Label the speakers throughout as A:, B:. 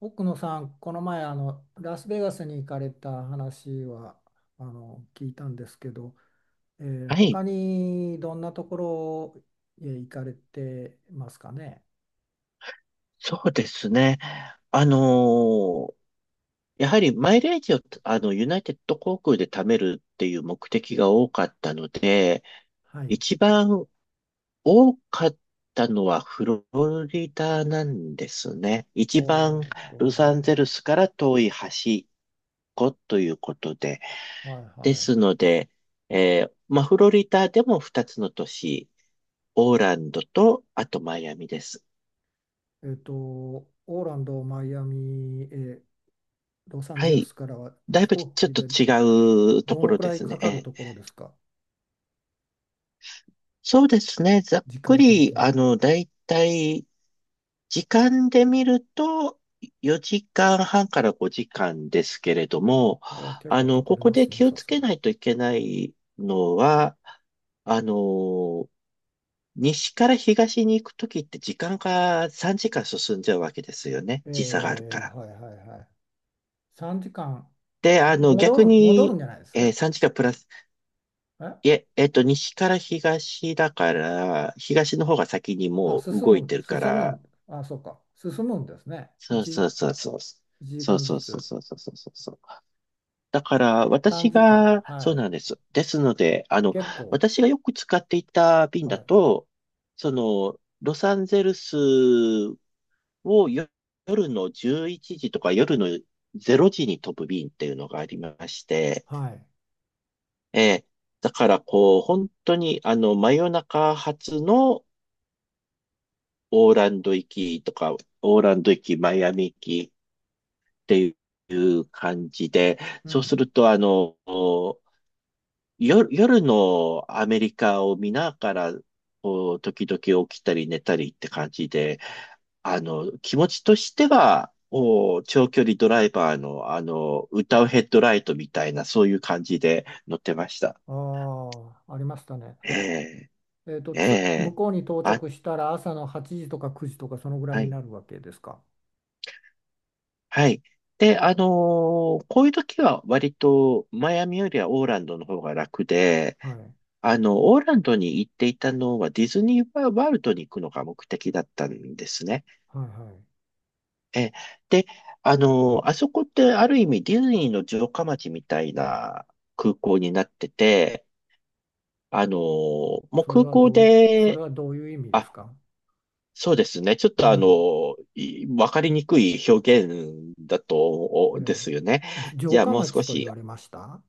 A: 奥野さん、この前ラスベガスに行かれた話は聞いたんですけど、
B: はい、
A: 他にどんなところへ行かれてますかね。
B: そうですね。あのーやはりマイレージを、ユナイテッド航空で貯めるっていう目的が多かったので、
A: はい。
B: 一番多かったのはフロリダなんですね。一番
A: おー、フロ
B: ロ
A: リダ
B: サンゼ
A: ね。
B: ルスから遠い端っこということで。
A: はい
B: で
A: は
B: すので、まあ、フロリダでも2つの都市、オーランドと、あとマイアミです。
A: い。えっと、オーランド、マイアミ、ロサン
B: は
A: ゼル
B: い。
A: スからは
B: だい
A: 飛
B: ぶち
A: 行
B: ょっ
A: 機
B: と
A: で
B: 違うと
A: ど
B: こ
A: の
B: ろ
A: く
B: で
A: らい
B: す
A: か
B: ね。え
A: かる
B: え、
A: ところですか、
B: そうですね。ざっ
A: 時
B: く
A: 間的
B: り、
A: に。
B: だいたい時間で見ると、4時間半から5時間ですけれども、
A: あ、結構かか
B: こ
A: り
B: こ
A: ま
B: で
A: すね、
B: 気を
A: さ
B: つ
A: すが
B: け
A: に。
B: ないといけないのは、あの、西から東に行くときって時間が3時間進んじゃうわけですよね。時差があるか
A: えー、
B: ら。
A: はいはいはい。3時間。
B: で、
A: 戻
B: 逆
A: る、戻るん
B: に、
A: じゃないです
B: 3時間プラス、い
A: え
B: え、西から東だから、東の方が先に
A: あ、
B: もう
A: 進
B: 動い
A: む、
B: てる
A: 進
B: か
A: む
B: ら、
A: ん、あ、そうか、進むんですね。
B: そう
A: 1、
B: そうそうそう。
A: 一
B: そ
A: 時
B: う
A: 間
B: そ
A: ず
B: うそう
A: つ。
B: そうそうそうそうそう。だから、私
A: 3時間。
B: が、そ
A: は
B: う
A: い。
B: なんです。ですので、
A: 結構。
B: 私がよく使っていた便
A: は
B: だ
A: い。
B: と、ロサンゼルスを夜の11時とか夜の0時に飛ぶ便っていうのがありまして、
A: はい。
B: えーだから、こう、本当に、真夜中発の、オーランド行きとか、オーランド行き、マイアミ行きっていう感じで、
A: う
B: そうす
A: ん。
B: ると、夜のアメリカを見ながら、こう、時々起きたり寝たりって感じで、気持ちとしては、長距離ドライバーの、歌うヘッドライトみたいな、そういう感じで乗ってました。
A: ああ、ありましたね。
B: ええ、
A: えっと、
B: え
A: 向
B: え、
A: こうに到
B: あ、
A: 着したら朝の8時とか9時とかそのぐらい
B: は
A: に
B: い。
A: なるわけですか。
B: はい。で、こういう時は割とマイアミよりはオーランドの方が楽で、
A: はい。は
B: オーランドに行っていたのはディズニーワールドに行くのが目的だったんですね。
A: いはい。
B: え、で、あそこってある意味ディズニーの城下町みたいな空港になってて、もう
A: それ
B: 空
A: は
B: 港
A: どうい、それ
B: で、
A: はどういう意味です
B: あ、
A: か。
B: そうですね。ちょっ
A: う
B: と
A: ん。
B: わかりにくい表現だと、
A: え
B: で
A: え。
B: すよね。
A: 城
B: じゃあ
A: 下
B: もう少
A: 町と言
B: し、
A: われました。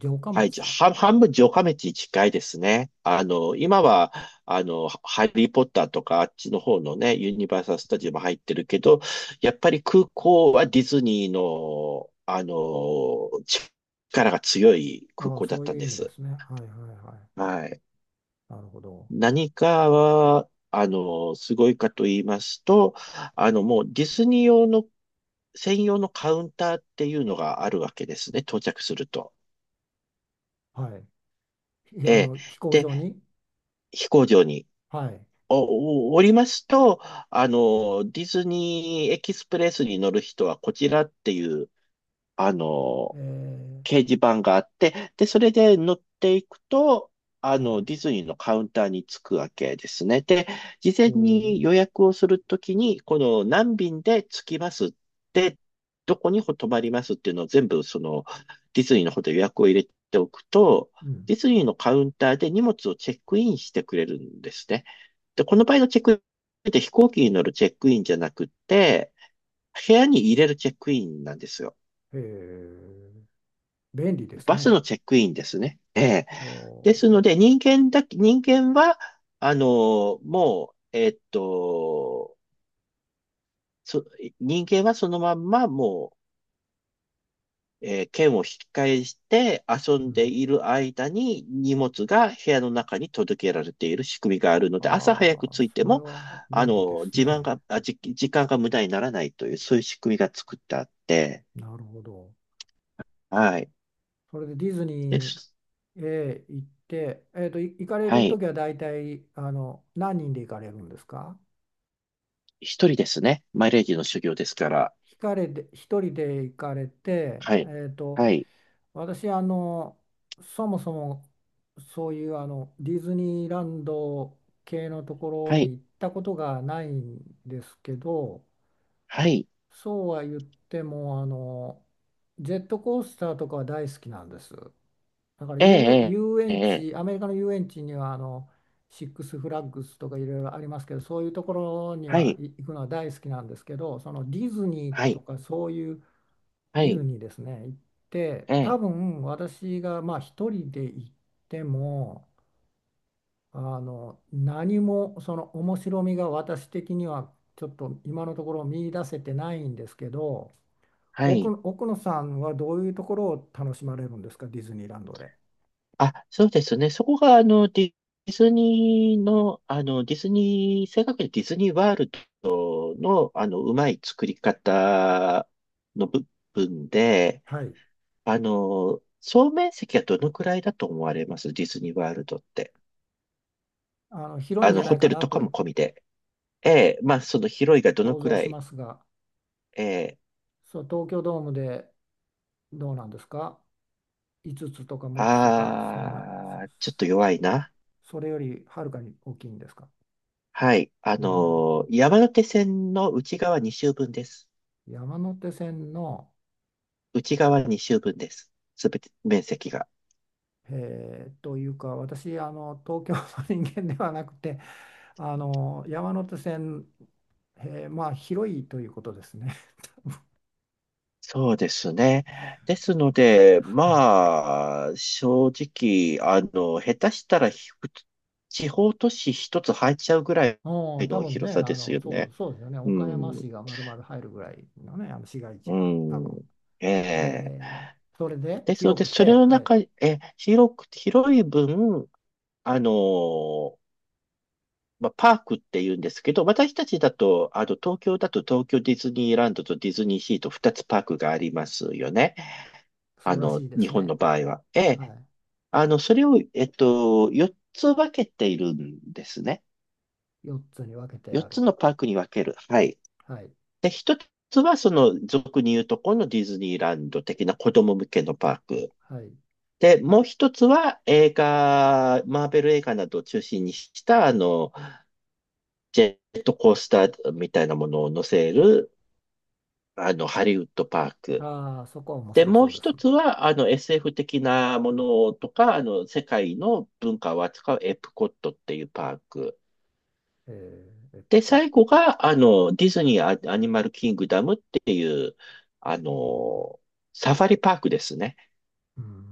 A: 城下
B: はい、じゃ
A: 町。
B: 半半分城下町に近いですね。今は、ハリーポッターとかあっちの方のね、ユニバーサルスタジオも入ってるけど、やっぱり空港はディズニーの、力が強い空
A: ああ、
B: 港だ
A: そ
B: っ
A: う
B: た
A: い
B: ん
A: う意
B: で
A: 味で
B: す。
A: すね。はいはいはい。
B: はい。
A: なるほど。
B: 何かは、すごいかと言いますと、もうディズニー用の専用のカウンターっていうのがあるわけですね、到着すると。
A: はい。
B: え
A: あ
B: え。
A: の、飛行
B: で、
A: 場に。
B: 飛行場に
A: はい。
B: おりますと、ディズニーエキスプレスに乗る人はこちらっていう、あの、
A: え
B: 掲示板があって、で、それで乗っていくと、
A: ー、は
B: ディ
A: い。
B: ズニーのカウンターに着くわけですね。で、事
A: お
B: 前に
A: ー、
B: 予約をするときに、この何便で着きますって、どこに泊まりますっていうのを全部、ディズニーの方で予約を入れておくと、
A: うん。
B: ディズニーのカウンターで荷物をチェックインしてくれるんですね。で、この場合のチェックインって飛行機に乗るチェックインじゃなくて、部屋に入れるチェックインなんですよ。
A: へえー、便利です
B: バス
A: ね。
B: のチェックインですね。
A: お
B: です
A: ー、
B: ので、人間は、もう、そ、人間はそのまんま、もう、剣を引き返して遊
A: う
B: んで
A: ん。
B: いる間に荷物が部屋の中に届けられている仕組みがあるので、朝早く
A: ああ、
B: 着いて
A: それ
B: も、
A: は便利ですね。
B: 時間が無駄にならないという、そういう仕組みが作ってあって、
A: なるほど。
B: はい。
A: それでディズ
B: で
A: ニ
B: す。
A: ーへ行って、えっと、行かれ
B: は
A: ると
B: い。
A: きは大体、あの、何人で行かれるんですか。
B: 一人ですね。マイレージの修行ですから。
A: ひかれで、一人で行かれて、
B: はい。
A: えっと、
B: はい。
A: 私、あのそもそもそういうあのディズニーランド系のところ
B: は
A: に
B: い。
A: 行ったことがないんですけど、
B: はい。
A: そうは言ってもあのジェットコースターとかは大好きなんです。だから
B: ええ、
A: 遊
B: ええ、
A: 園
B: え
A: 地、
B: え、
A: アメリカの遊園地にはあのシックスフラッグスとかいろいろありますけど、そういうところに
B: は
A: は
B: い、
A: 行くのは大好きなんですけど、そのディズニー
B: は
A: と
B: い、
A: かそういうデ
B: は
A: ィズ
B: い、
A: ニーですね、行って、
B: え
A: 多
B: え、
A: 分私がまあ一人で行っても、あの何もその面白みが私的にはちょっと今のところ見出せてないんですけど、
B: はい。
A: 奥野さんはどういうところを楽しまれるんですか、ディズニーランドで。
B: あ、そうですね。そこが、ディズニー、正確にディズニーワールドの、うまい作り方の部分で、
A: はい、
B: 総面積はどのくらいだと思われますディズニーワールドって。
A: あの広いんじゃな
B: ホ
A: いか
B: テル
A: な
B: とか
A: と
B: も込みで。ええ、まあ、その広いがどの
A: 想
B: く
A: 像
B: ら
A: し
B: い。
A: ますが、
B: ええ、
A: そう、東京ドームでどうなんですか、5つとか6つとか、そんな、
B: ちょっと弱いな。
A: それよりはるかに大きいんですか。
B: はい。
A: うん。
B: 山手線の内側2周分です。
A: 山手線のう
B: 内
A: ち、
B: 側2周分です。すべて面積が。
A: えーというか私あの東京の人間ではなくてあの山手線、えーまあ広いということですね。
B: そうですね。ですので、
A: はい、
B: まあ、正直、下手したら地方都市一つ入っちゃうぐらい
A: おー多
B: の
A: 分
B: 広
A: ね
B: さ
A: あ
B: です
A: の
B: よね。
A: そうですよね、
B: う
A: 岡山
B: ん。
A: 市が丸々入るぐらいのねあの市街
B: う
A: 地が多
B: ん。
A: 分、
B: ええ。
A: えーそれで
B: ですの
A: 広
B: で、
A: く
B: それ
A: て、
B: の
A: はい、
B: 中、広い分、あのーまあ、パークって言うんですけど、私たちだと、東京だと東京ディズニーランドとディズニーシーと2つパークがありますよね。
A: そうらしいで
B: 日
A: す
B: 本の
A: ね、
B: 場合は。え
A: は
B: え、
A: い、
B: それを、4つ分けているんですね。
A: 4つに分けて
B: 4
A: あ
B: つ
A: る、
B: のパークに分ける。はい。
A: はい
B: で、1つは、俗に言うとこのディズニーランド的な子供向けのパーク。
A: はい、
B: で、もう一つは映画、マーベル映画などを中心にした、ジェットコースターみたいなものを乗せるハリウッドパーク。
A: ああそこは面
B: で、
A: 白
B: もう
A: そうで
B: 一
A: すね、
B: つは、SF 的なものとか、世界の文化を扱うエプコットっていうパーク。
A: えーエプ
B: で、
A: コッ
B: 最
A: ト。
B: 後が、ディズニーアアニマルキングダムっていう、あの、サファリパークですね。
A: うん。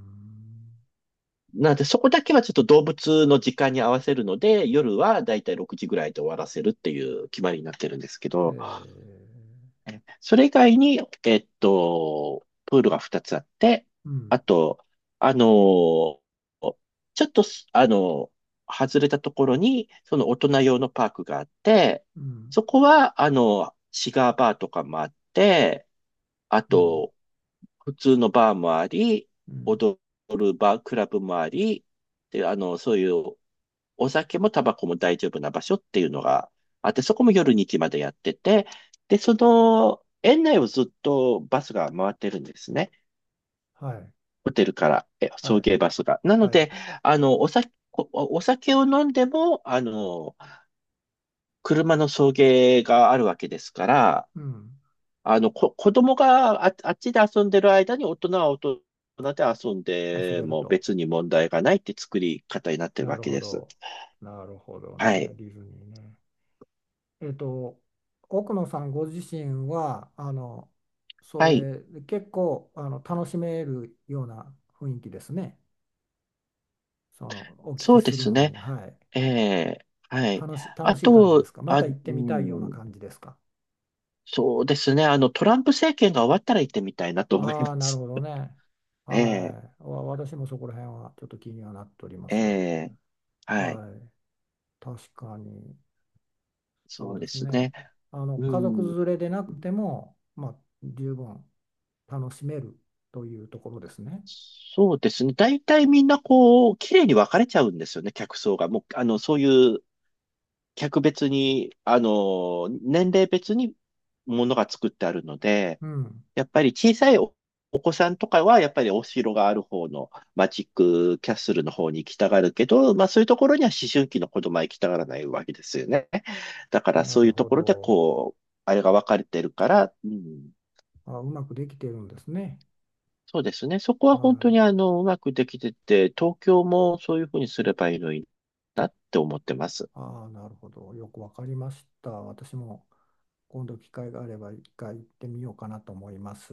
B: なんで、そこだけはちょっと動物の時間に合わせるので、夜はだいたい6時ぐらいで終わらせるっていう決まりになってるんですけ
A: へ
B: ど、
A: え。
B: それ以外に、プールが2つあって、
A: うん。
B: あと、あのーちょっと外れたところに、その大人用のパークがあって、
A: うん。
B: そこは、シガーバーとかもあって、あ
A: うん。
B: と、普通のバーもあり、
A: うん。
B: 踊るバー、クラブもあり、で、そういうお酒もタバコも大丈夫な場所っていうのがあって、そこも夜2時までやってて、で、園内をずっとバスが回ってるんですね。
A: はい。
B: ホテルから、送
A: はい。
B: 迎バスが。なの
A: はい。
B: で、お酒を飲んでも、車の送迎があるわけですから、
A: うん。
B: 子供があっちで遊んでる間に大人は大人で遊ん
A: 遊
B: で
A: べる
B: も
A: と。
B: 別に問題がないって作り方になってる
A: な
B: わ
A: る
B: け
A: ほ
B: です。
A: ど。なるほど
B: は
A: ね。
B: い。
A: ディズニーね。えっと、奥野さんご自身は、あの、そ
B: はい。
A: れ、結構、あの、楽しめるような雰囲気ですね。その、お聞
B: そ
A: き
B: うで
A: する
B: す
A: の
B: ね。
A: に。はい。
B: ええ、はい。
A: 楽
B: あ
A: しい感じで
B: と、
A: すか、ま
B: あ、
A: た行って
B: う
A: みたいような
B: ん、
A: 感じですか。
B: そうですね。トランプ政権が終わったら行ってみたいなと思い
A: あ
B: ま
A: あ、なる
B: す。
A: ほど ね。
B: ええ、
A: はい。私もそこら辺はちょっと気にはなっておりま
B: え
A: すが、
B: え、はい。
A: はい。確かに、そ
B: そ
A: う
B: う
A: で
B: で
A: す
B: す
A: ね。
B: ね。
A: あの、
B: う
A: 家族
B: ん、
A: 連れでなくても、まあ、十分楽しめるというところですね。
B: そうですね。大体みんなこう、綺麗に分かれちゃうんですよね、客層が。もう、そういう客別に、あの、年齢別にものが作ってあるので、
A: うん。
B: やっぱり小さいお、お子さんとかは、やっぱりお城がある方のマジックキャッスルの方に行きたがるけど、まあそういうところには思春期の子供は行きたがらないわけですよね。だから
A: な
B: そうい
A: る
B: うと
A: ほ
B: ころで
A: ど。
B: こう、あれが分かれてるから、うん、
A: あ、うまくできてるんですね。
B: そうですね。そこは
A: は
B: 本当に
A: い。
B: うまくできてて、東京もそういうふうにすればいいのにって思ってます。
A: ああ、なるほど。よくわかりました。私も今度機会があれば一回行ってみようかなと思います。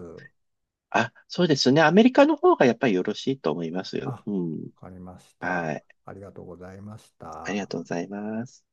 B: あ、そうですね。アメリカの方がやっぱりよろしいと思います
A: あ、
B: よ。
A: わ
B: うん。
A: かりまし
B: は
A: た。
B: い。
A: ありがとうございまし
B: ありが
A: た。
B: とうございます。